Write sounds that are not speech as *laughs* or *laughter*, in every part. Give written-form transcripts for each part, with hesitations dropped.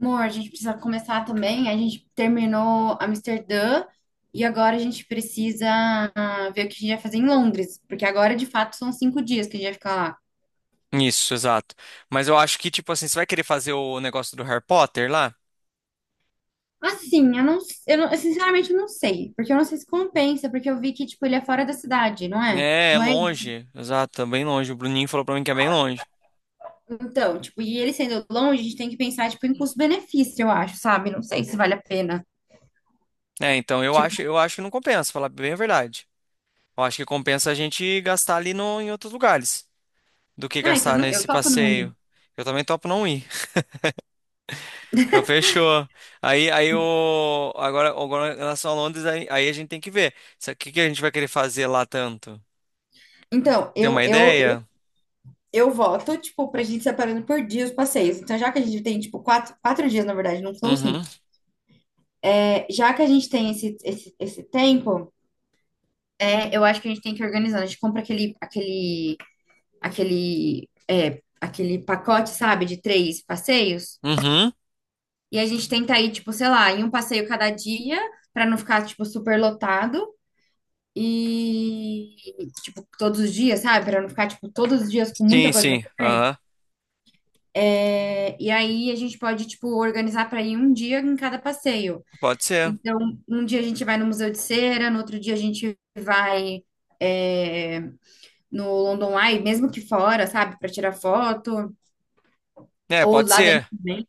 Amor, a gente precisa começar também. A gente terminou Amsterdã e agora a gente precisa ver o que a gente vai fazer em Londres, porque agora de fato são 5 dias que a gente vai ficar lá. Isso, exato. Mas eu acho que, tipo assim, você vai querer fazer o negócio do Harry Potter lá? Assim, eu sinceramente não sei, porque eu não sei se compensa, porque eu vi que tipo ele é fora da cidade, não é? É, é Não é? longe. Exato, é bem longe. O Bruninho falou pra mim que é bem longe. Então, tipo, e ele sendo longe, a gente tem que pensar tipo em custo-benefício, eu acho, sabe? Não sei se vale a pena. É, então eu acho, Tipo, eu acho que não compensa, falar bem a verdade. Eu acho que compensa a gente gastar ali no, em outros lugares do que gastar eu nesse topo não passeio. ir. Eu também topo não ir. *laughs* Então fechou. Aí, aí o agora em relação a Londres, aí a gente tem que ver. O que que a gente vai querer fazer lá tanto? Então, Tem eu, uma eu, ideia? eu voto, tipo, pra gente separando por dia os passeios. Então, já que a gente tem, tipo, quatro dias, na verdade, não são Uhum. 5. É, já que a gente tem esse tempo, eu acho que a gente tem que organizar. A gente compra aquele pacote, sabe, de três passeios. Uhum. E a gente tenta ir, tipo, sei lá, em um passeio cada dia, pra não ficar, tipo, super lotado. E, tipo, todos os dias, sabe? Pra não ficar, tipo, todos os dias com muita Sim, coisa pra sim. fazer. Aham. E aí a gente pode, tipo, organizar para ir um dia em cada passeio. Pode ser. Então, um dia a gente vai no Museu de Cera, no outro dia a gente vai é, no London Eye, mesmo que fora, sabe, para tirar foto, É, ou pode lá dentro ser. também,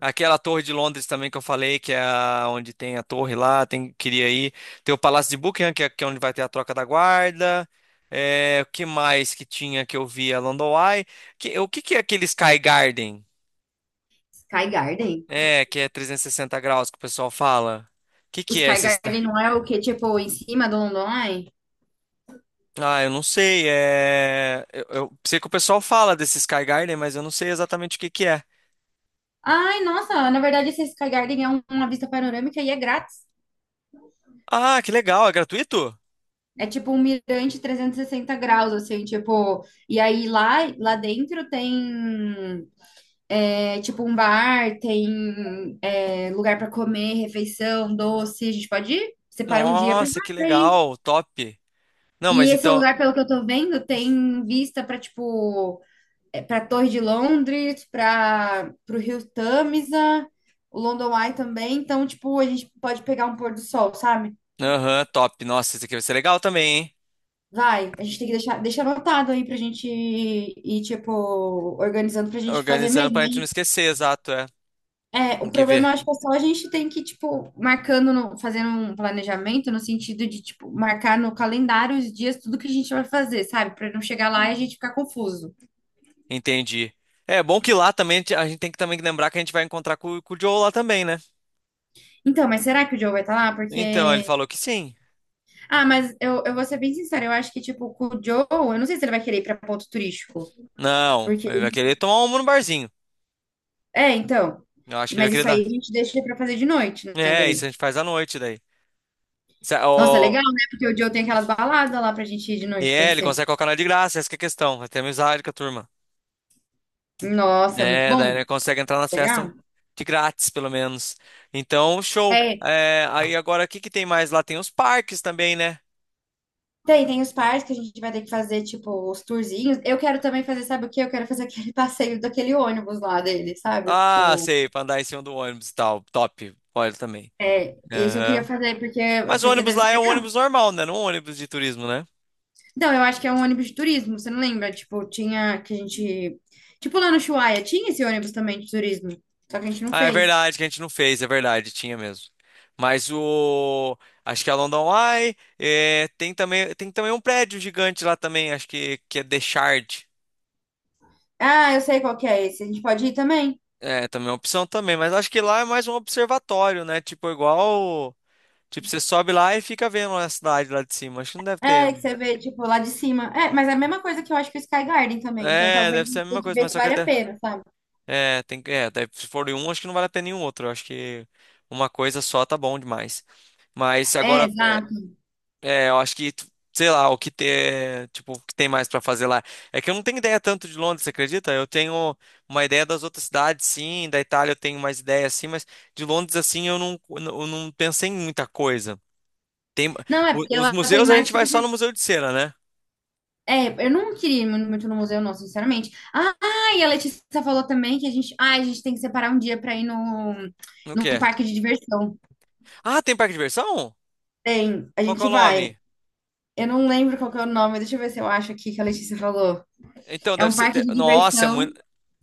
Aquela torre de Londres também que eu falei, que é onde tem a torre lá, tem, queria ir. Tem o Palácio de Buckingham, que é onde vai ter a troca da guarda. É, o que mais que tinha que eu vi? A London Eye. O que que é aquele Sky Garden? Sky Garden. É, que é 360 graus que o pessoal fala. O que O que é Sky esse? Garden não é o que, tipo, em cima do London Eye? Ah, eu não sei. Eu sei que o pessoal fala desse Sky Garden, mas eu não sei exatamente o que que é. Ai, nossa, na verdade esse Sky Garden é uma vista panorâmica e é grátis. Ah, que legal. É gratuito? É tipo um mirante 360 graus, assim, tipo, e aí lá dentro tem, é, tipo um bar, tem lugar para comer, refeição, doce. A gente pode ir? Separa um dia para Nossa, que ir. legal. Top. Não, E mas esse então. lugar, pelo que eu tô vendo, tem vista para tipo, para Torre de Londres, para o Rio Tâmisa, o London Eye também. Então, tipo, a gente pode pegar um pôr do sol, sabe? Aham, top. Nossa, isso aqui vai ser legal também, hein? Vai, a gente tem que deixar, deixa anotado aí pra gente ir, tipo, organizando pra gente fazer Organizando mesmo, pra gente não né? esquecer, exato, é. É, o Tem que ver. problema, acho que é só a gente tem que, tipo, marcando, fazendo um planejamento no sentido de, tipo, marcar no calendário os dias, tudo que a gente vai fazer, sabe? Pra não chegar lá e a gente ficar confuso. Entendi. É bom que lá também a gente tem que também lembrar que a gente vai encontrar com o Joe lá também, né? Então, mas será que o Joe vai estar lá? Então, ele Porque. falou que sim. Ah, mas eu vou ser bem sincera, eu acho que, tipo, com o Joe, eu não sei se ele vai querer ir pra ponto turístico. Não, Porque. ele vai querer tomar uma no barzinho. É, então. Eu acho que ele vai Mas querer isso dar. aí a gente deixa pra fazer de noite, né? É, isso Daí. a gente faz à noite daí. Nossa, Ó, legal, né? Porque o Joe tem aquelas baladas lá pra gente ir de e noite é, ele conhecer. consegue colocar nós de graça, essa que é a questão. Vai ter amizade com a turma. Nossa, muito É, daí bom. ele consegue entrar nas festas Legal. de grátis, pelo menos. Então, show. É, É, aí agora, o que que tem mais lá? Tem os parques também, né? tem os parques que a gente vai ter que fazer, tipo, os tourzinhos. Eu quero também fazer, sabe o quê? Eu quero fazer aquele *laughs* passeio daquele ônibus lá dele, sabe? Ah, sei, pra andar em cima do ônibus e tal. Top, olha também. Esse eu queria Aham. fazer porque, Mas o porque ônibus deve ser lá é um legal. ônibus normal, né? Não um ônibus de turismo, né? Não, eu acho que é um ônibus de turismo, você não lembra? Tipo, tinha que a gente. Tipo, lá no Ushuaia, tinha esse ônibus também de turismo, só que a gente não Ah, é fez. verdade que a gente não fez, é verdade, tinha mesmo. Mas o. Acho que é a London Eye. É, tem também um prédio gigante lá também, acho que é The Shard. Ah, eu sei qual que é esse. A gente pode ir também? É, também é uma opção também, mas acho que lá é mais um observatório, né? Tipo, igual. Tipo, você sobe lá e fica vendo a cidade lá de cima. Acho que não deve ter. É, que você vê, tipo, lá de cima. É, mas é a mesma coisa que eu acho que o Sky Garden também. Então, É, talvez a deve ser a gente mesma tenha que coisa, ver mas se só que. vale a pena, sabe? É, tem, é, se for em um, acho que não vale a pena nenhum outro. Eu acho que uma coisa só tá bom demais. Mas É, agora. Exato. É, eu acho que, sei lá, tipo, o que tem mais pra fazer lá. É que eu não tenho ideia tanto de Londres, você acredita? Eu tenho uma ideia das outras cidades, sim, da Itália eu tenho mais ideia, assim, mas de Londres, assim, eu não pensei em muita coisa. Tem, Não, é porque os ela tem museus a mais gente vai tipo de. só no Museu de Cera, né? É, eu não queria ir muito muito no museu, não, sinceramente. Ah, e a Letícia falou também que a gente tem que separar um dia para ir no, No num que é? parque de diversão. Ah, tem parque de diversão? Tem, a Qual que é gente o nome? vai. Eu não lembro qual que é o nome, deixa eu ver se eu acho aqui que a Letícia falou. Então, É deve um ser. parque de Nossa, é muito. diversão.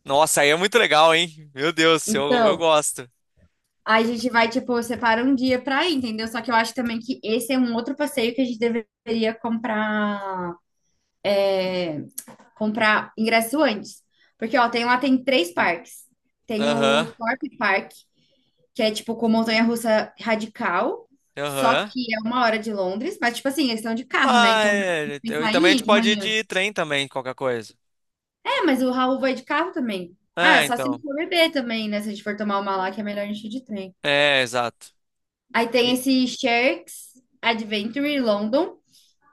Nossa, aí é muito legal, hein? Meu Deus, eu Então, gosto. a gente vai, tipo, separa um dia para ir, entendeu? Só que eu acho também que esse é um outro passeio que a gente deveria comprar ingresso antes. Porque, ó, tem lá tem três parques. Tem Aham, o Thorpe Park, que é tipo com montanha-russa radical, só aham. que é uma hora de Londres, mas tipo assim, eles estão de carro, né? Ah, Então dá pra é. E pensar também a em ir gente de pode ir manhã. de trem também, qualquer coisa. É, mas o Raul vai de carro também. Ah, É, só se ele então. for beber também, né? Se a gente for tomar uma lá, que é melhor a gente ir de trem. É, exato. Aí tem E- esse Sharks Adventure London,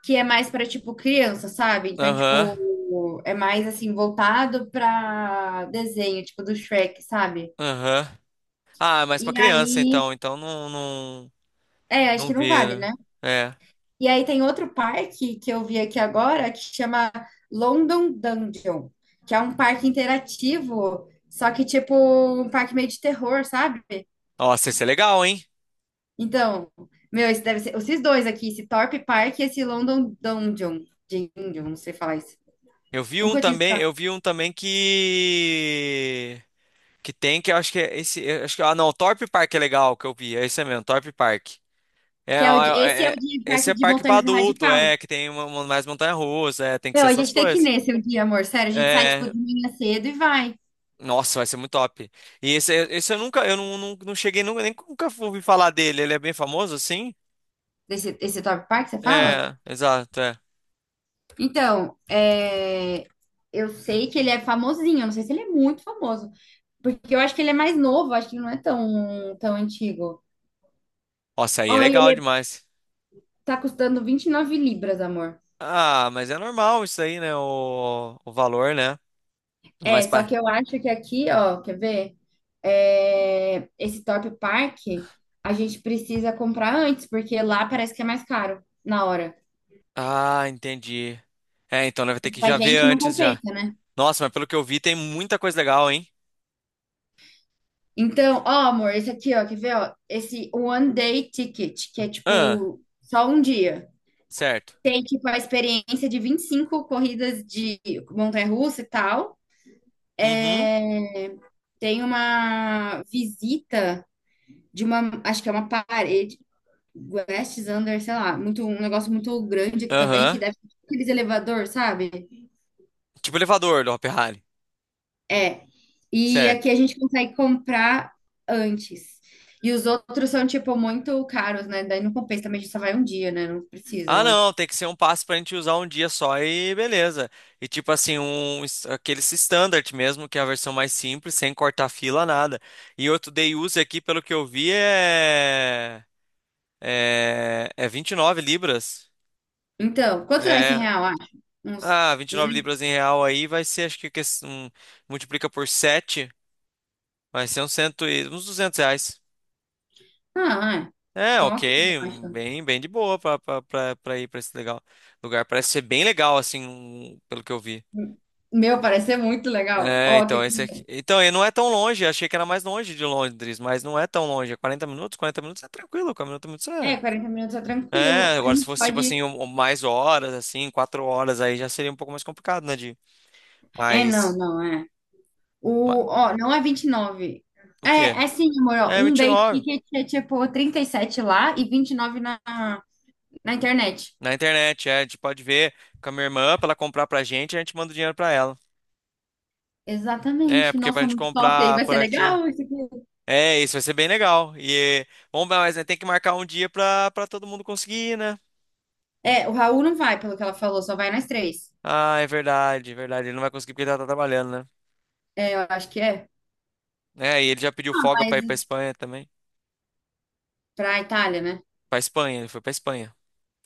que é mais para tipo criança, sabe? Então, Aham, tipo, é mais assim voltado para desenho, tipo do Shrek, sabe? aham. Ah, mas E pra criança, aí, então. Então não, não, acho não que não vale, vira. né? É. E aí tem outro parque que eu vi aqui agora que chama London Dungeon, que é um parque interativo, só que tipo um parque meio de terror, sabe? Nossa, esse é legal, hein? Então, meu, esse deve ser esses dois aqui, esse Thorpe Park e esse London Dungeon, Dungeon, não sei falar isso. Eu vi um Nunca tinha também, escutado. eu vi um também que... Que tem, que eu acho que é esse... eu acho que, ah, não, Torpe Park é legal, que eu vi. É esse mesmo, Torpe Park. Que É, é ó, esse é é, o de é, parque esse é de parque pra montanha adulto, é, radical. que tem uma, mais montanha-russa, é, tem que Meu, ser a essas gente tem que ir coisas. nesse um dia, amor. Sério, a gente sai tipo É, de manhã cedo e vai. nossa, vai ser muito top. E esse eu nunca, eu não cheguei, nunca, nem nunca ouvi falar dele. Ele é bem famoso, assim? Esse Thorpe Park, você fala? É, exato, é. Então, eu sei que ele é famosinho, eu não sei se ele é muito famoso, porque eu acho que ele é mais novo, acho que ele não é tão, tão antigo. Nossa, aí é Ó, e legal ele demais. tá custando £29, amor. Ah, mas é normal isso aí, né? O valor, né? É, Mas só para. que eu acho que aqui, ó, quer ver? É, esse Top Park, a gente precisa comprar antes, porque lá parece que é mais caro na hora. Ah, entendi. É, então né, vai ter que Pra já ver gente não antes já. compensa, né? Nossa, mas pelo que eu vi, tem muita coisa legal, hein? Então, ó, amor, esse aqui, ó, quer ver, ó? Esse One Day Ticket, que é Ah, tipo só um dia. certo. Tem, tipo, a experiência de 25 corridas de montanha-russa e tal. Uhum, É, tem uma visita de uma, acho que é uma parede, West Under, sei lá, muito, um negócio muito grande aqui também, aham. que deve ter aqueles elevador, sabe? Tipo elevador do Hopi Hari. É. E Certo. aqui a gente consegue comprar antes. E os outros são, tipo, muito caros, né? Daí não compensa também, a gente só vai um dia, né? Não precisa, eu Ah, acho. não, tem que ser um passe pra gente usar um dia só e beleza. E tipo assim, aquele standard mesmo, que é a versão mais simples, sem cortar fila, nada. E outro day use aqui, pelo que eu vi, é 29 libras. Então, quanto dá esse É, real, acho? Uns ah, 29 200. libras em real aí vai ser, acho que multiplica por 7, vai ser uns R$200. Ah, é. É, Então, ok, ok, um, basta. bem de boa pra ir pra esse legal lugar. Parece ser bem legal, assim, pelo que eu vi. Meu, parece ser muito legal. É, Ó, que... então, esse aqui. Então, e não é tão longe, achei que era mais longe de Londres, mas não é tão longe. É 40 minutos, 40 minutos é tranquilo, 40 minutos É, é. 40 minutos é tranquilo. É, A agora se gente fosse tipo assim, pode. Mais horas, assim, 4 horas, aí já seria um pouco mais complicado, né, de. É, não, Mas. não, é. ma- Ó, não é 29. O quê? É, sim, amor, ó. É Um vinte e day nove. ticket é tipo 37 lá e 29 na internet. Na internet, é. A gente pode ver com a minha irmã pra ela comprar pra gente, a gente manda o dinheiro pra ela. É, Exatamente. porque pra Nossa, gente muito top. Aí comprar vai por ser aqui. legal isso aqui. É, isso vai ser bem legal. E. Vamos, mas né, tem que marcar um dia pra todo mundo conseguir, né? É, o Raul não vai, pelo que ela falou, só vai nós três. Ah, é verdade, é verdade. Ele não vai conseguir porque ele já tá trabalhando, né? É, eu acho que é. É, e ele já pediu Ah, folga pra mas ir pra Espanha também. pra Itália, né? Pra Espanha, ele foi pra Espanha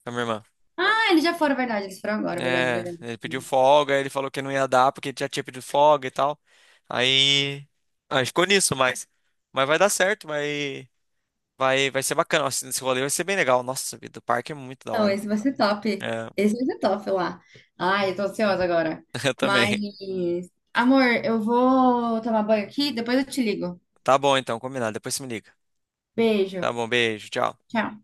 com a minha irmã. Ah, eles já foram, verdade. Eles foram agora, verdade, É, verdade. ele pediu folga, ele falou que não ia dar porque ele já tinha pedido folga e tal. Aí, aí ficou nisso, mas vai dar certo, vai, vai ser bacana. Nossa, esse rolê vai ser bem legal. Nossa, vida, o parque é muito da Não, hora. esse vai ser top. É, Esse vai ser top lá. Ai, eu tô ansiosa agora. *laughs* eu também. Mas, amor, eu vou tomar banho aqui, depois eu te ligo. Tá bom, então, combinado. Depois você me liga. Beijo. Tá bom, beijo, tchau. Tchau.